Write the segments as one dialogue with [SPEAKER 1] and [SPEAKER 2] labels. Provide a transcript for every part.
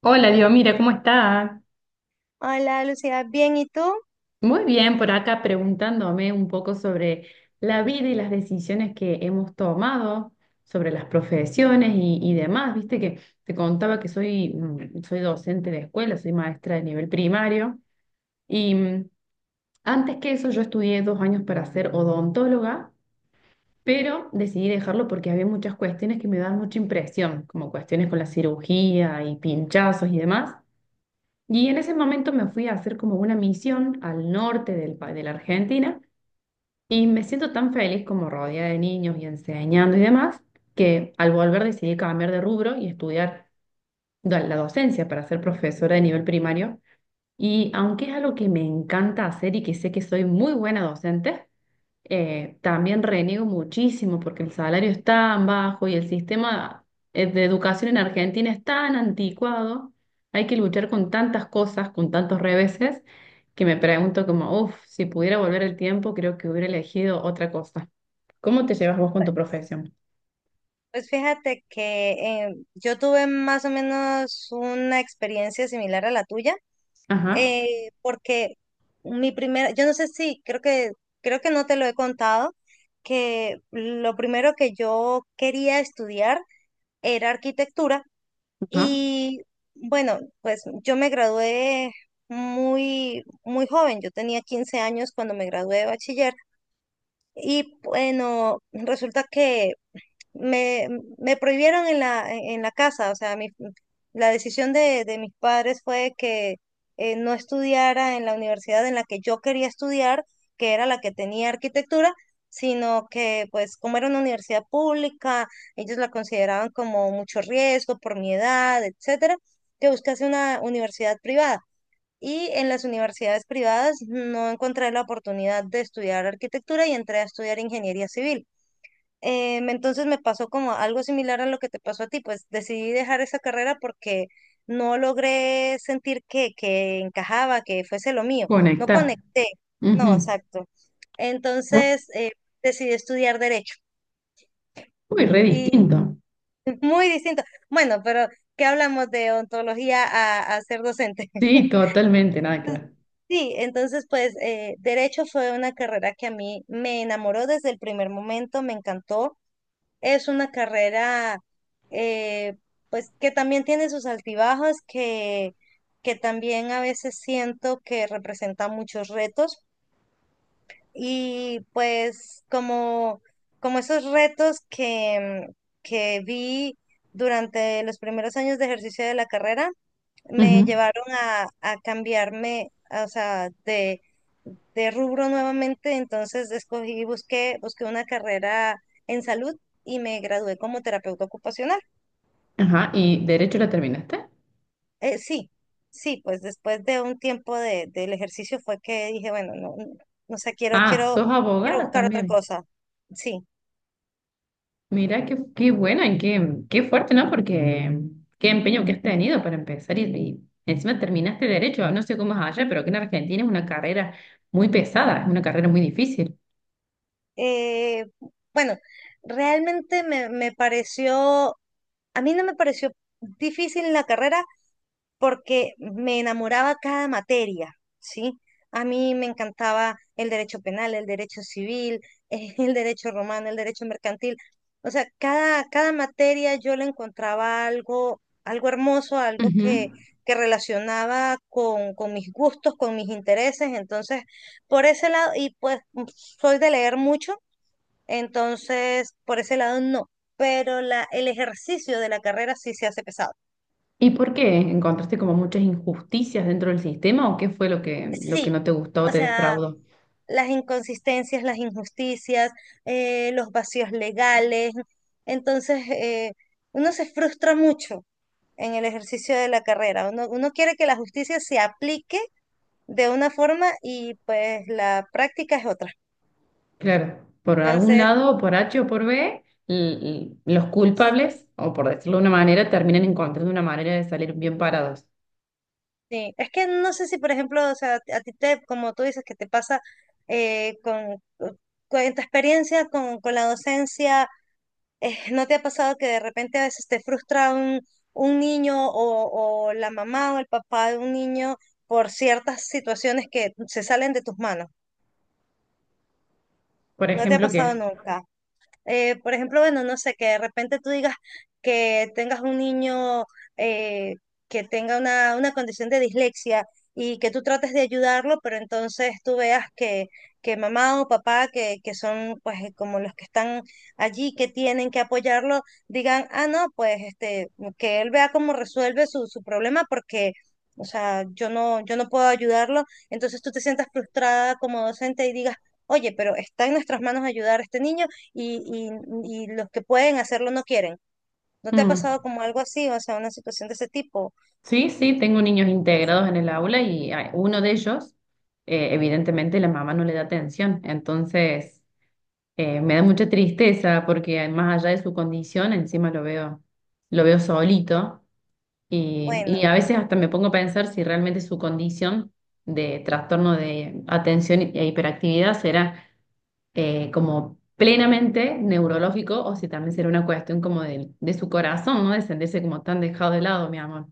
[SPEAKER 1] Hola, Dios, mira, ¿cómo está?
[SPEAKER 2] Hola Lucía, bien, ¿y tú?
[SPEAKER 1] Muy bien, por acá preguntándome un poco sobre la vida y las decisiones que hemos tomado, sobre las profesiones y demás. Viste que te contaba que soy docente de escuela, soy maestra de nivel primario y antes que eso yo estudié dos años para ser odontóloga, pero decidí dejarlo porque había muchas cuestiones que me daban mucha impresión, como cuestiones con la cirugía y pinchazos y demás. Y en ese momento me fui a hacer como una misión al norte de la Argentina y me siento tan feliz como rodeada de niños y enseñando y demás, que al volver decidí cambiar de rubro y estudiar la docencia para ser profesora de nivel primario. Y aunque es algo que me encanta hacer y que sé que soy muy buena docente, también reniego muchísimo porque el salario es tan bajo y el sistema de educación en Argentina es tan anticuado, hay que luchar con tantas cosas, con tantos reveses, que me pregunto como, uff, si pudiera volver el tiempo, creo que hubiera elegido otra cosa. ¿Cómo te llevas vos con tu profesión?
[SPEAKER 2] Pues fíjate que yo tuve más o menos una experiencia similar a la tuya,
[SPEAKER 1] Ajá,
[SPEAKER 2] porque mi primera, yo no sé si, creo que no te lo he contado, que lo primero que yo quería estudiar era arquitectura.
[SPEAKER 1] ajá.
[SPEAKER 2] Y bueno, pues yo me gradué muy, muy joven, yo tenía 15 años cuando me gradué de bachiller. Y bueno, resulta que me, me prohibieron en la casa, o sea, la decisión de mis padres fue que no estudiara en la universidad en la que yo quería estudiar, que era la que tenía arquitectura, sino que, pues como era una universidad pública, ellos la consideraban como mucho riesgo por mi edad, etcétera, que buscase una universidad privada. Y en las universidades privadas no encontré la oportunidad de estudiar arquitectura y entré a estudiar ingeniería civil. Entonces me pasó como algo similar a lo que te pasó a ti, pues decidí dejar esa carrera porque no logré sentir que encajaba, que fuese lo mío, no
[SPEAKER 1] Conectar.
[SPEAKER 2] conecté, no,
[SPEAKER 1] Ujú.
[SPEAKER 2] exacto. Entonces decidí estudiar derecho
[SPEAKER 1] Uy, re
[SPEAKER 2] y
[SPEAKER 1] distinto.
[SPEAKER 2] muy distinto. Bueno, pero ¿qué hablamos de ontología a ser docente?
[SPEAKER 1] Sí, totalmente, nada que ver.
[SPEAKER 2] Sí, entonces pues derecho fue una carrera que a mí me enamoró desde el primer momento, me encantó. Es una carrera, eh, pues que también tiene sus altibajos, que también a veces siento que representa muchos retos, y pues como, como esos retos que vi durante los primeros años de ejercicio de la carrera, me
[SPEAKER 1] Ujú.
[SPEAKER 2] llevaron a cambiarme, o sea, de rubro nuevamente. Entonces escogí, busqué una carrera en salud y me gradué como terapeuta ocupacional.
[SPEAKER 1] Ajá, ¿y derecho la terminaste?
[SPEAKER 2] Sí, sí, pues después de un tiempo de, del ejercicio fue que dije, bueno, no, no, no sé,
[SPEAKER 1] Ah, ¿sos
[SPEAKER 2] quiero
[SPEAKER 1] abogada
[SPEAKER 2] buscar otra
[SPEAKER 1] también?
[SPEAKER 2] cosa. Sí.
[SPEAKER 1] Mira, qué buena y qué fuerte, ¿no? Porque qué empeño que has tenido para empezar y encima terminaste derecho. No sé cómo es allá, pero que en Argentina es una carrera muy pesada, es una carrera muy difícil.
[SPEAKER 2] Eh, bueno, realmente me pareció, a mí no me pareció difícil la carrera, porque me enamoraba cada materia, ¿sí? A mí me encantaba el derecho penal, el derecho civil, el derecho romano, el derecho mercantil. O sea, cada materia yo le encontraba algo, algo hermoso, algo
[SPEAKER 1] Ujú.
[SPEAKER 2] que relacionaba con mis gustos, con mis intereses. Entonces, por ese lado, y pues soy de leer mucho, entonces por ese lado no. Pero el ejercicio de la carrera sí se hace pesado.
[SPEAKER 1] ¿Y por qué? ¿Encontraste como muchas injusticias dentro del sistema o qué fue lo que
[SPEAKER 2] Sí,
[SPEAKER 1] no te gustó o
[SPEAKER 2] o
[SPEAKER 1] te
[SPEAKER 2] sea,
[SPEAKER 1] defraudó?
[SPEAKER 2] las inconsistencias, las injusticias, los vacíos legales. Entonces, uno se frustra mucho en el ejercicio de la carrera. Uno quiere que la justicia se aplique de una forma y pues la práctica es otra.
[SPEAKER 1] Claro, por algún
[SPEAKER 2] Entonces,
[SPEAKER 1] lado, por H o por B, los culpables, o por decirlo de una manera, terminan encontrando una manera de salir bien parados.
[SPEAKER 2] sí, es que no sé si, por ejemplo, o sea, a ti te, como tú dices, que te pasa con tu experiencia con la docencia. ¿ ¿No te ha pasado que de repente a veces te frustra un niño o la mamá o el papá de un niño por ciertas situaciones que se salen de tus manos?
[SPEAKER 1] Por
[SPEAKER 2] ¿No te ha
[SPEAKER 1] ejemplo, ¿qué?
[SPEAKER 2] pasado nunca? Por ejemplo, bueno, no sé, que de repente tú digas que tengas un niño eh, que tenga una condición de dislexia y que tú trates de ayudarlo, pero entonces tú veas que mamá o papá, que son pues como los que están allí, que tienen que apoyarlo, digan, ah, no, pues este, que él vea cómo resuelve su, su problema porque... O sea, yo no, yo no puedo ayudarlo, entonces tú te sientas frustrada como docente y digas, oye, pero está en nuestras manos ayudar a este niño y, y los que pueden hacerlo no quieren. ¿No te ha pasado como algo así, o sea, una situación de ese tipo?
[SPEAKER 1] Sí, sí, tengo niños integrados en el aula y uno de ellos, evidentemente, la mamá no le da atención. Entonces, me da mucha tristeza porque más allá de su condición, encima lo veo solito y
[SPEAKER 2] Bueno.
[SPEAKER 1] a veces hasta me pongo a pensar si realmente su condición de trastorno de atención e hiperactividad será como plenamente neurológico o si también será una cuestión como de su corazón, ¿no? De sentirse como tan dejado de lado, mi amor.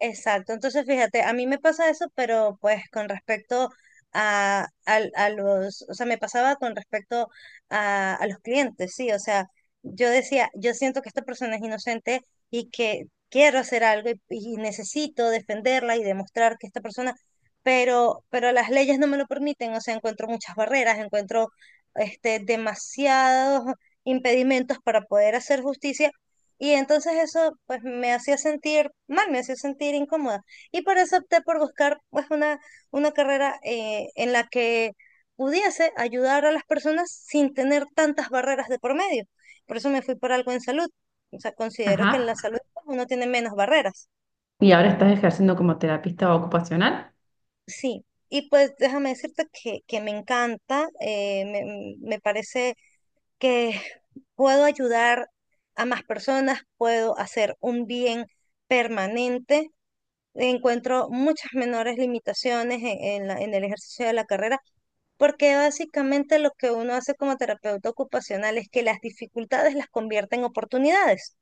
[SPEAKER 2] Exacto, entonces fíjate, a mí me pasa eso, pero pues con respecto a, al- a los, o sea, me pasaba con respecto a los clientes, sí, o sea, yo decía, yo siento que esta persona es inocente y que quiero hacer algo y necesito defenderla y demostrar que esta persona, pero las leyes no me lo permiten, o sea, encuentro muchas barreras, encuentro este, demasiados impedimentos para poder hacer justicia, y entonces eso pues me hacía sentir mal, me hacía sentir incómoda. Y por eso opté por buscar pues una carrera en la que pudiese ayudar a las personas sin tener tantas barreras de por medio. Por eso me fui por algo en salud. O sea, considero
[SPEAKER 1] Ajá.
[SPEAKER 2] que en la salud pues uno tiene menos barreras.
[SPEAKER 1] ¿Y ahora estás ejerciendo como terapista ocupacional?
[SPEAKER 2] Sí. Y pues déjame decirte que me encanta, me parece que puedo ayudar a más personas, puedo hacer un bien permanente, encuentro muchas menores limitaciones en el ejercicio de la carrera, porque básicamente lo que uno hace como terapeuta ocupacional es que las dificultades las convierte en oportunidades.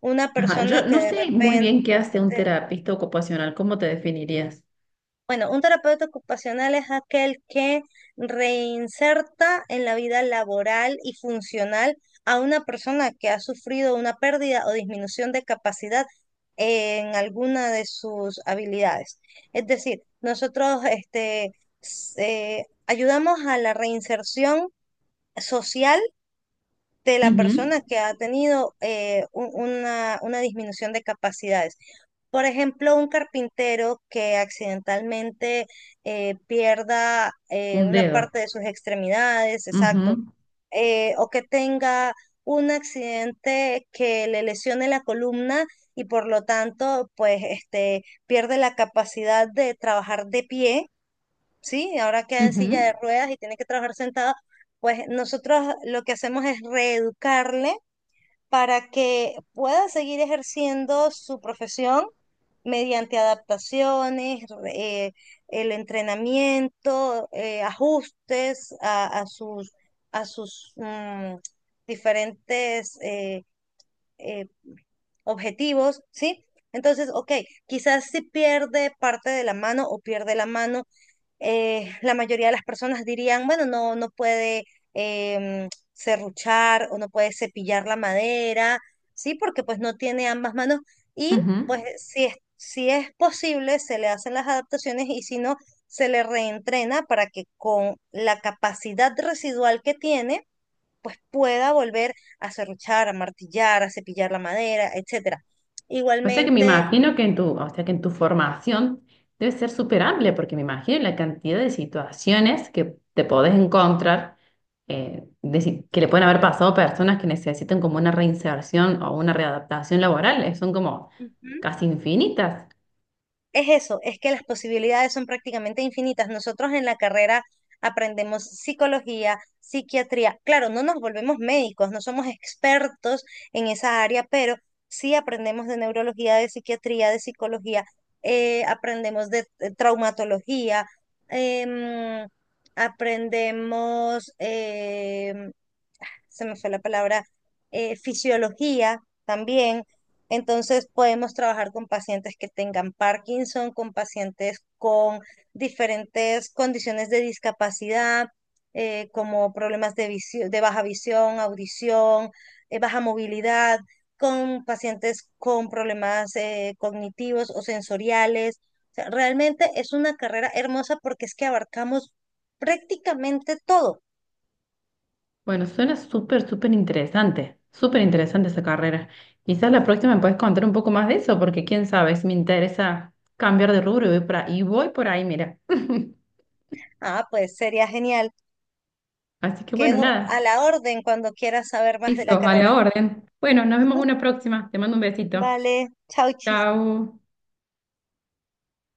[SPEAKER 2] Una
[SPEAKER 1] Ajá,
[SPEAKER 2] persona
[SPEAKER 1] yo
[SPEAKER 2] que
[SPEAKER 1] no
[SPEAKER 2] de
[SPEAKER 1] sé muy
[SPEAKER 2] repente...
[SPEAKER 1] bien qué hace un terapista ocupacional, ¿cómo te definirías?
[SPEAKER 2] Bueno, un terapeuta ocupacional es aquel que reinserta en la vida laboral y funcional a una persona que ha sufrido una pérdida o disminución de capacidad en alguna de sus habilidades. Es decir, nosotros este, ayudamos a la reinserción social de la
[SPEAKER 1] Ujú.
[SPEAKER 2] persona que ha tenido una disminución de capacidades. Por ejemplo, un carpintero que accidentalmente pierda
[SPEAKER 1] Un
[SPEAKER 2] una
[SPEAKER 1] dedo.
[SPEAKER 2] parte de sus extremidades, exacto,
[SPEAKER 1] Ujú,
[SPEAKER 2] o que tenga un accidente que le lesione la columna y por lo tanto, pues, este, pierde la capacidad de trabajar de pie. Sí, ahora queda en silla de
[SPEAKER 1] ujú,
[SPEAKER 2] ruedas y tiene que trabajar sentada, pues nosotros lo que hacemos es reeducarle para que pueda seguir ejerciendo su profesión mediante adaptaciones, el entrenamiento, ajustes a sus diferentes eh, objetivos, ¿sí? Entonces, ok, quizás si pierde parte de la mano o pierde la mano, la mayoría de las personas dirían, bueno, no, no puede serruchar o no puede cepillar la madera, ¿sí? Porque pues no tiene ambas manos, y
[SPEAKER 1] ujú.
[SPEAKER 2] pues si es, si es posible se le hacen las adaptaciones, y si no, se le reentrena para que con la capacidad residual que tiene, pues pueda volver a serruchar, a martillar, a cepillar la madera, etcétera.
[SPEAKER 1] O sea que me
[SPEAKER 2] Igualmente,
[SPEAKER 1] imagino que en tu, o sea que en tu formación debe ser súper amplia, porque me imagino la cantidad de situaciones que te podés encontrar, de si- que le pueden haber pasado a personas que necesitan como una reinserción o una readaptación laboral, son como
[SPEAKER 2] ujú.
[SPEAKER 1] casi infinitas.
[SPEAKER 2] Es eso, es que las posibilidades son prácticamente infinitas. Nosotros en la carrera aprendemos psicología, psiquiatría. Claro, no nos volvemos médicos, no somos expertos en esa área, pero sí aprendemos de neurología, de psiquiatría, de psicología, aprendemos de traumatología, em, aprendemos se me fue la palabra, fisiología también. Entonces podemos trabajar con pacientes que tengan Parkinson, con pacientes con diferentes condiciones de discapacidad, como problemas de de baja visión, audición, baja movilidad, con pacientes con problemas cognitivos o sensoriales. O sea, realmente es una carrera hermosa porque es que abarcamos prácticamente todo.
[SPEAKER 1] Bueno, suena súper, súper interesante esa carrera. Quizás la próxima me puedes contar un poco más de eso, porque quién sabe, si me interesa cambiar de rubro y voy por ahí, y voy por ahí, mira.
[SPEAKER 2] Ah, pues sería genial.
[SPEAKER 1] Así que bueno,
[SPEAKER 2] Quedo a
[SPEAKER 1] nada,
[SPEAKER 2] la orden cuando quieras saber más de la
[SPEAKER 1] eso, a la
[SPEAKER 2] carrera.
[SPEAKER 1] orden. Bueno, nos vemos una próxima. Te mando un besito.
[SPEAKER 2] Vale, chau, chis.
[SPEAKER 1] Chao.